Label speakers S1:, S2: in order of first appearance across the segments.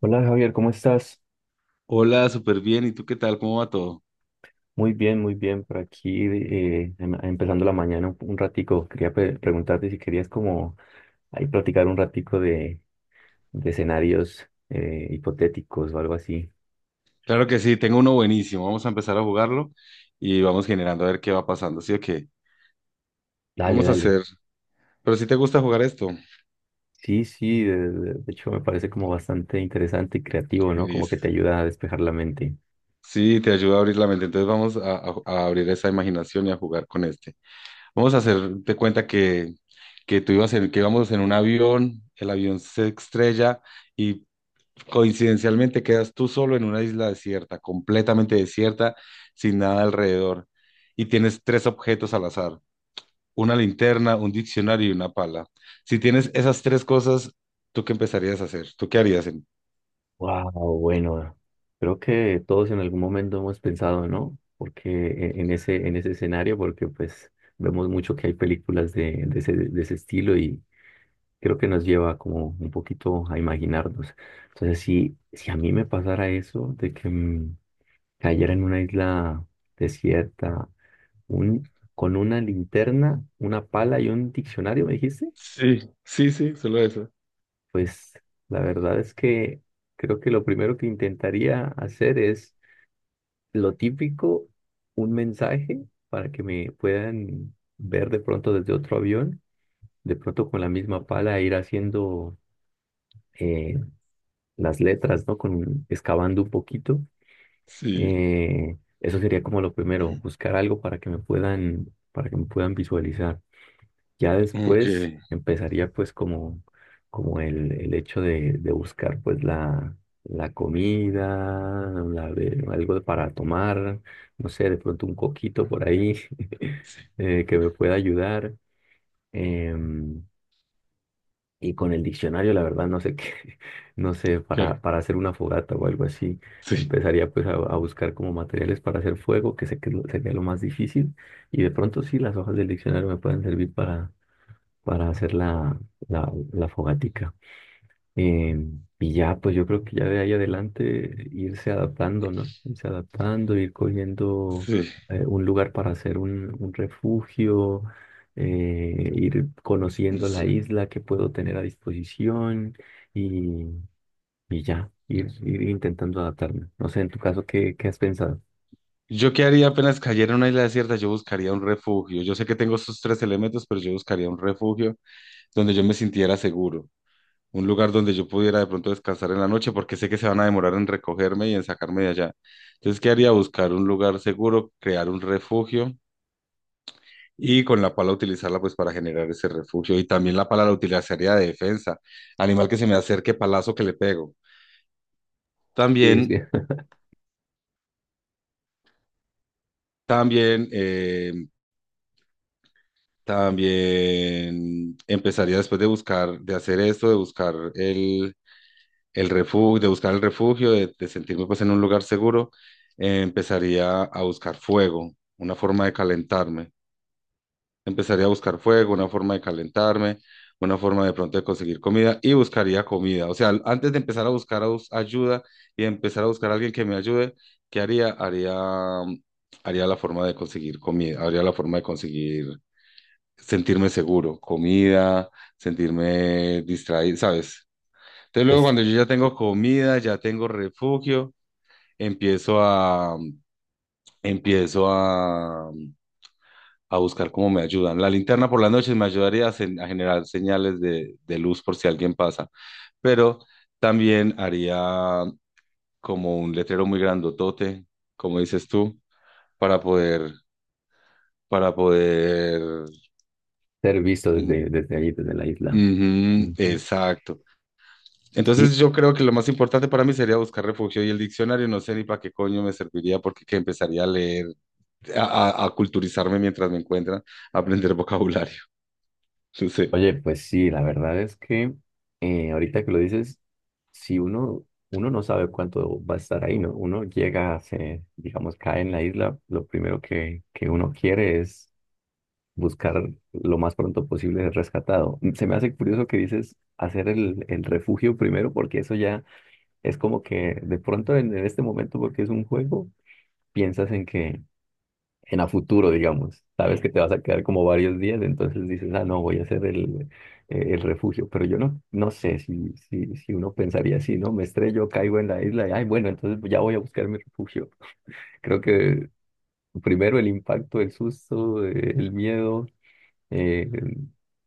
S1: Hola Javier, ¿cómo estás?
S2: Hola, súper bien. ¿Y tú qué tal? ¿Cómo va todo?
S1: Muy bien, muy bien. Por aquí empezando la mañana un ratico. Quería preguntarte si querías como ahí platicar un ratico de escenarios hipotéticos o algo así.
S2: Claro que sí, tengo uno buenísimo. Vamos a empezar a jugarlo y vamos generando a ver qué va pasando. ¿Sí o qué?
S1: Dale,
S2: Vamos a
S1: dale.
S2: hacer. Pero si te gusta jugar esto,
S1: Sí, sí, de hecho me parece como bastante interesante y creativo, ¿no? Como que te
S2: listo.
S1: ayuda a despejar la mente.
S2: Sí, te ayuda a abrir la mente. Entonces vamos a abrir esa imaginación y a jugar con este. Vamos a hacerte cuenta que tú ibas en, que íbamos en un avión, el avión se estrella y coincidencialmente quedas tú solo en una isla desierta, completamente desierta, sin nada alrededor. Y tienes tres objetos al azar. Una linterna, un diccionario y una pala. Si tienes esas tres cosas, ¿tú qué empezarías a hacer? ¿Tú qué harías?
S1: Wow, bueno, creo que todos en algún momento hemos pensado, ¿no? Porque en ese escenario, porque pues vemos mucho que hay películas de ese estilo y creo que nos lleva como un poquito a imaginarnos. Entonces, si a mí me pasara eso, de que cayera en una isla desierta, un, con una linterna, una pala y un diccionario, me dijiste,
S2: Sí, sí, sí, solo eso.
S1: pues la verdad es que creo que lo primero que intentaría hacer es lo típico, un mensaje para que me puedan ver de pronto desde otro avión, de pronto con la misma pala ir haciendo eh, las letras, ¿no? Con, excavando un poquito.
S2: Sí,
S1: Eso sería como lo primero, buscar algo para que me puedan, para que me puedan visualizar. Ya
S2: ok,
S1: después empezaría pues como, como el hecho de buscar pues la comida, algo para tomar, no sé, de pronto un coquito por ahí
S2: sí,
S1: que me pueda ayudar. em, y con el diccionario, la verdad, no sé qué, no sé,
S2: ¿qué haría?
S1: para hacer una fogata o algo así,
S2: Sí,
S1: empezaría pues a buscar como materiales para hacer fuego, que sé que es sería lo más difícil. Y de pronto sí, las hojas del diccionario me pueden servir para hacer la fogatica. Eh, y ya, pues yo creo que ya de ahí adelante irse adaptando, ¿no? Irse adaptando, ir cogiendo
S2: sí,
S1: un lugar para hacer un refugio, ir conociendo la
S2: sí.
S1: isla que puedo tener a disposición y, y ya, ir intentando adaptarme. No sé, en tu caso, ¿qué, qué has pensado?
S2: ¿Yo qué haría apenas cayera en una isla desierta? Yo buscaría un refugio. Yo sé que tengo esos tres elementos, pero yo buscaría un refugio donde yo me sintiera seguro. Un lugar donde yo pudiera de pronto descansar en la noche porque sé que se van a demorar en recogerme y en sacarme de allá. Entonces, ¿qué haría? Buscar un lugar seguro, crear un refugio. Y con la pala utilizarla pues para generar ese refugio. Y también la pala la utilizaría de defensa. Animal que se me acerque, palazo que le pego.
S1: Sí, es
S2: También,
S1: que-
S2: también, también empezaría después de buscar, de hacer esto, de buscar el refugio, de buscar el refugio, de sentirme pues en un lugar seguro, empezaría a buscar fuego, una forma de calentarme. Empezaría a buscar fuego, una forma de calentarme, una forma de pronto de conseguir comida y buscaría comida. O sea, antes de empezar a buscar ayuda y empezar a buscar a alguien que me ayude, ¿qué haría? Haría, mm, haría la forma de conseguir comida, haría la forma de conseguir sentirme seguro, comida, sentirme distraído, ¿sabes? Entonces luego
S1: pues,
S2: cuando yo ya tengo comida, ya tengo refugio, empiezo a, empiezo a buscar cómo me ayudan. La linterna por las noches me ayudaría a, a generar señales de luz por si alguien pasa, pero también haría como un letrero muy grandotote, como dices tú, para poder, para poder...
S1: ser visto desde ahí, desde la isla.
S2: Ujú,
S1: Ujú.
S2: exacto.
S1: Sí.
S2: Entonces yo creo que lo más importante para mí sería buscar refugio y el diccionario no sé ni para qué coño me serviría porque que empezaría a leer, a culturizarme mientras me encuentran, a aprender vocabulario. No sé.
S1: Oye, pues sí, la verdad es que ahorita que lo dices, si uno, uno no sabe cuánto va a estar ahí, ¿no? Uno llega, se, digamos, cae en la isla, lo primero que uno quiere es buscar lo más pronto posible ser rescatado. Mm, se me hace curioso que dices hacer el refugio primero, porque eso ya es como que de pronto en este momento, porque es un juego, piensas en que en a futuro, digamos. Sabes que te vas a quedar como varios días, entonces dices, ah, no, voy a hacer el refugio. Pero yo no, no sé si uno pensaría así, ¿no? Me estrello, caigo en la isla y, ay, bueno, entonces ya voy a buscar mi refugio. Creo que primero el impacto, el susto, el miedo. eh,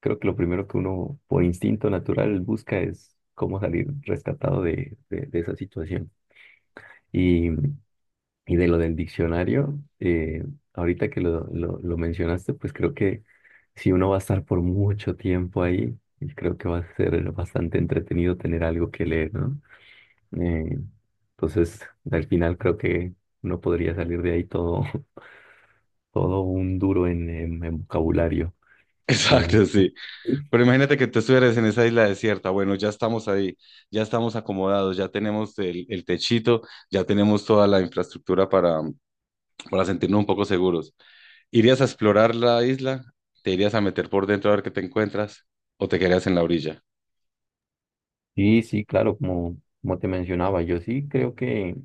S1: Creo que lo primero que uno por instinto natural busca es cómo salir rescatado de esa situación. Y de lo del diccionario, ahorita que lo mencionaste, pues creo que si uno va a estar por mucho tiempo ahí, creo que va a ser bastante entretenido tener algo que leer, ¿no? Eh, entonces, al final creo que uno podría salir de ahí todo, todo un duro en vocabulario. Eh,
S2: Exacto, sí. Pero imagínate que tú estuvieras en esa isla desierta. Bueno, ya estamos ahí, ya estamos acomodados, ya tenemos el techito, ya tenemos toda la infraestructura para sentirnos un poco seguros. ¿Irías a explorar la isla? ¿Te irías a meter por dentro a ver qué te encuentras? ¿O te quedarías en la orilla?
S1: sí, sí, claro, como, como te mencionaba, yo sí creo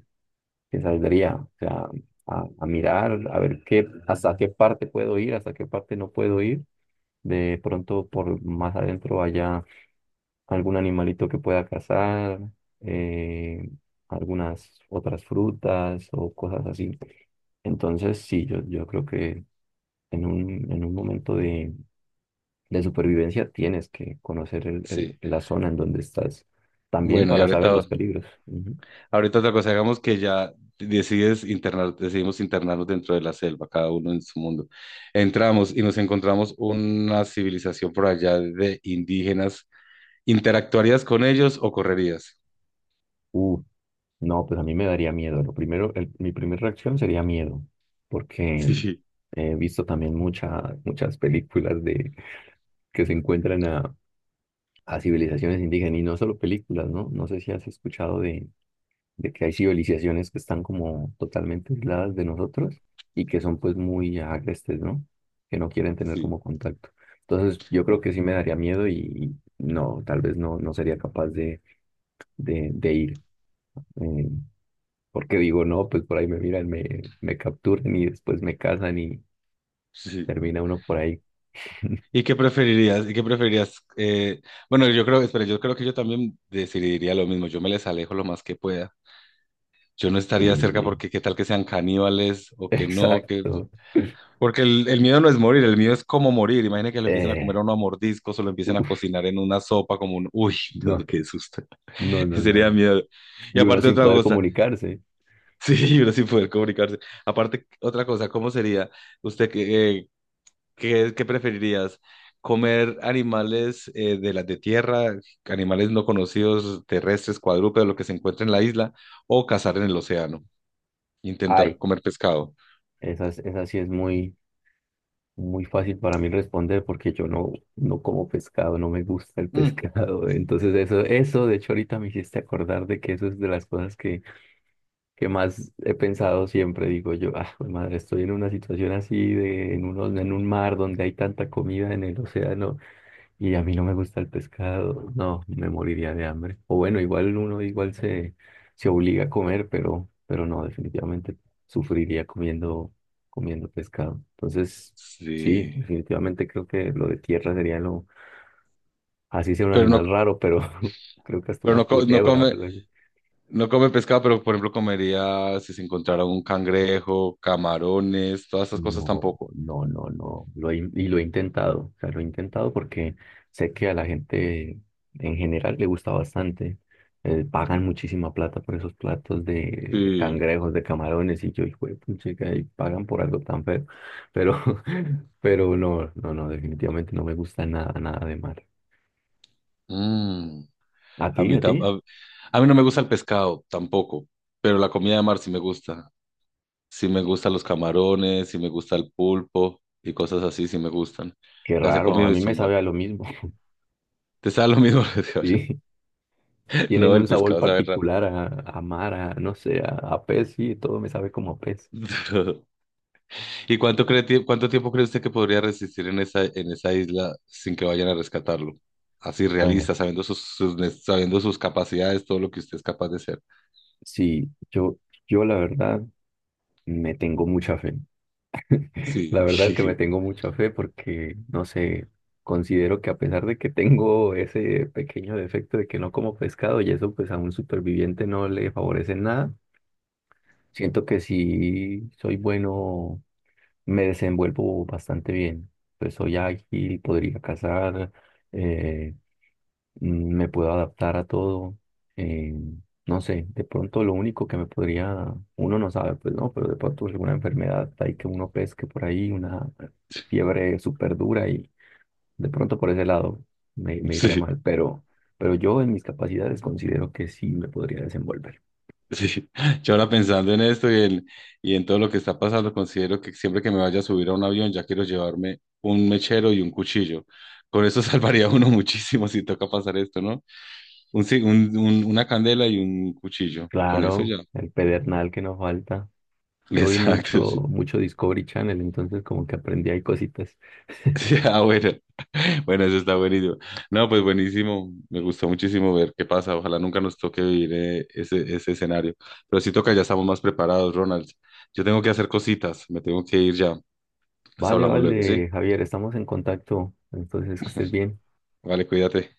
S1: que saldría, o sea, a mirar, a ver qué, hasta qué parte puedo ir, hasta qué parte no puedo ir. De pronto por más adentro haya algún animalito que pueda cazar, eh, algunas otras frutas o cosas así. Entonces, sí, yo creo que en en un momento de supervivencia tienes que conocer
S2: Sí.
S1: la zona en donde estás, también
S2: Bueno, y
S1: para saber
S2: ahorita,
S1: los peligros. Ujú.
S2: ahorita otra cosa, digamos que ya decides internar, decidimos internarnos dentro de la selva, cada uno en su mundo. Entramos y nos encontramos una civilización por allá de indígenas. ¿Interactuarías con ellos o correrías?
S1: Uh, no, pues a mí me daría miedo. Lo primero, el- mi primera reacción sería miedo, porque
S2: Sí,
S1: he visto también muchas muchas películas de que se encuentran a civilizaciones indígenas y no solo películas, ¿no? No sé si has escuchado de que hay civilizaciones que están como totalmente aisladas de nosotros y que son pues muy agrestes, ¿no? Que no quieren tener
S2: sí,
S1: como contacto. Entonces yo creo
S2: sí,
S1: que sí me daría miedo y no, tal vez no, no sería capaz de ir. Eh, porque digo, no, pues por ahí me miran, me capturan y después me casan y
S2: sí.
S1: termina uno por ahí.
S2: ¿Y qué preferirías? ¿Y qué preferirías? Bueno, yo creo, espera, yo creo que yo también decidiría lo mismo. Yo me les alejo lo más que pueda. Yo no estaría cerca
S1: Y,
S2: porque qué tal que sean caníbales o que no, que...
S1: exacto.
S2: Porque el miedo no es morir, el miedo es cómo morir. Imagina que lo empiecen a comer a
S1: Eh,
S2: uno a mordiscos o lo empiecen a
S1: uf,
S2: cocinar en una sopa como un... Uy, no,
S1: no,
S2: qué susto.
S1: no, no, no,
S2: Sería
S1: no.
S2: miedo. Y
S1: Y uno
S2: aparte
S1: sin
S2: otra
S1: poder
S2: cosa,
S1: comunicarse.
S2: sí, uno sin poder comunicarse. Aparte otra cosa, ¿cómo sería usted que, ¿qué, qué preferirías? ¿Comer animales de las de tierra, animales no conocidos, terrestres, cuadrúpedos, lo que se encuentra en la isla, o cazar en el océano? Intentar
S1: Ay,
S2: comer pescado.
S1: esa sí es muy, muy fácil para mí responder porque yo no, no como pescado, no me gusta el
S2: Mm.
S1: pescado. Entonces eso, de hecho ahorita me hiciste acordar de que eso es de las cosas que más he pensado siempre, digo yo, ah, jue madre, estoy en una situación así de en en un mar donde hay tanta comida en el océano y a mí no me gusta el pescado, no, me moriría de hambre. O bueno, igual uno igual se obliga a comer, pero no, definitivamente sufriría comiendo, comiendo pescado. Entonces, sí,
S2: Sí.
S1: definitivamente creo que lo de tierra sería lo, así sea un
S2: Pero
S1: animal
S2: no,
S1: raro, pero creo que hasta
S2: pero
S1: una
S2: no, no
S1: culebra o
S2: come,
S1: algo así.
S2: no come pescado, pero por ejemplo comería si se encontrara un cangrejo, camarones, todas esas cosas
S1: No,
S2: tampoco.
S1: no, no, no. Y lo he intentado. O sea, lo he intentado porque sé que a la gente en general le gusta bastante. Pagan muchísima plata por esos platos de
S2: Sí.
S1: cangrejos, de camarones, y yo, hijo de puchica, y pagan por algo tan feo. Pero, pero no, no, no, definitivamente no me gusta nada, nada de mar.
S2: Mm.
S1: ¿A
S2: A
S1: ti,
S2: mí,
S1: a ti?
S2: a mí no me gusta el pescado tampoco, pero la comida de mar sí me gusta. Sí me gustan los camarones, sí me gusta el pulpo y cosas así, sí me gustan.
S1: Qué
S2: Las he
S1: raro, a
S2: comido y
S1: mí me
S2: son
S1: sabe
S2: buenas.
S1: a lo mismo.
S2: Te sabe lo mismo, lo de ahora.
S1: Sí, tienen
S2: No,
S1: un
S2: el
S1: sabor
S2: pescado sabe raro.
S1: particular a mar, a, no sé, a pez, sí, todo me sabe como a pez.
S2: Pero- ¿y cuánto cree, cuánto tiempo cree usted que podría resistir en esa isla sin que vayan a rescatarlo? Así
S1: Bueno.
S2: realista, sabiendo sus, sabiendo sus capacidades, todo lo que usted es capaz de hacer.
S1: Sí, yo la verdad me tengo mucha fe.
S2: Sí,
S1: La verdad es que me tengo mucha fe porque, no sé, considero que a pesar de que tengo ese pequeño defecto de que no como pescado y eso pues a un superviviente no le favorece en nada, siento que si soy bueno, me desenvuelvo bastante bien. Pues soy ágil, podría cazar, eh, me puedo adaptar a todo. eh, no sé, de pronto lo único que me podría, uno no sabe, pues no, pero de pronto alguna enfermedad hay que uno pesque por ahí, una fiebre súper dura y de pronto por ese lado me, me iría
S2: sí.
S1: mal, pero yo en mis capacidades considero que sí me podría desenvolver.
S2: Sí, yo ahora pensando en esto y en todo lo que está pasando, considero que siempre que me vaya a subir a un avión ya quiero llevarme un mechero y un cuchillo. Con eso salvaría a uno muchísimo si toca pasar esto, ¿no? Un, una candela y un cuchillo. Con eso
S1: Claro,
S2: ya.
S1: el pedernal que no falta. Yo vi mucho,
S2: Exacto, sí.
S1: mucho Discovery Channel, entonces como que aprendí ahí cositas.
S2: Sí, ah, bueno. Bueno, eso está buenísimo. No, pues buenísimo. Me gustó muchísimo ver qué pasa. Ojalá nunca nos toque vivir ese escenario. Pero si toca, ya estamos más preparados, Ronald. Yo tengo que hacer cositas. Me tengo que ir ya. Pues
S1: Vale,
S2: hablamos luego, ¿sí?
S1: vale, Javier, estamos en contacto, entonces que estés bien.
S2: Vale, cuídate.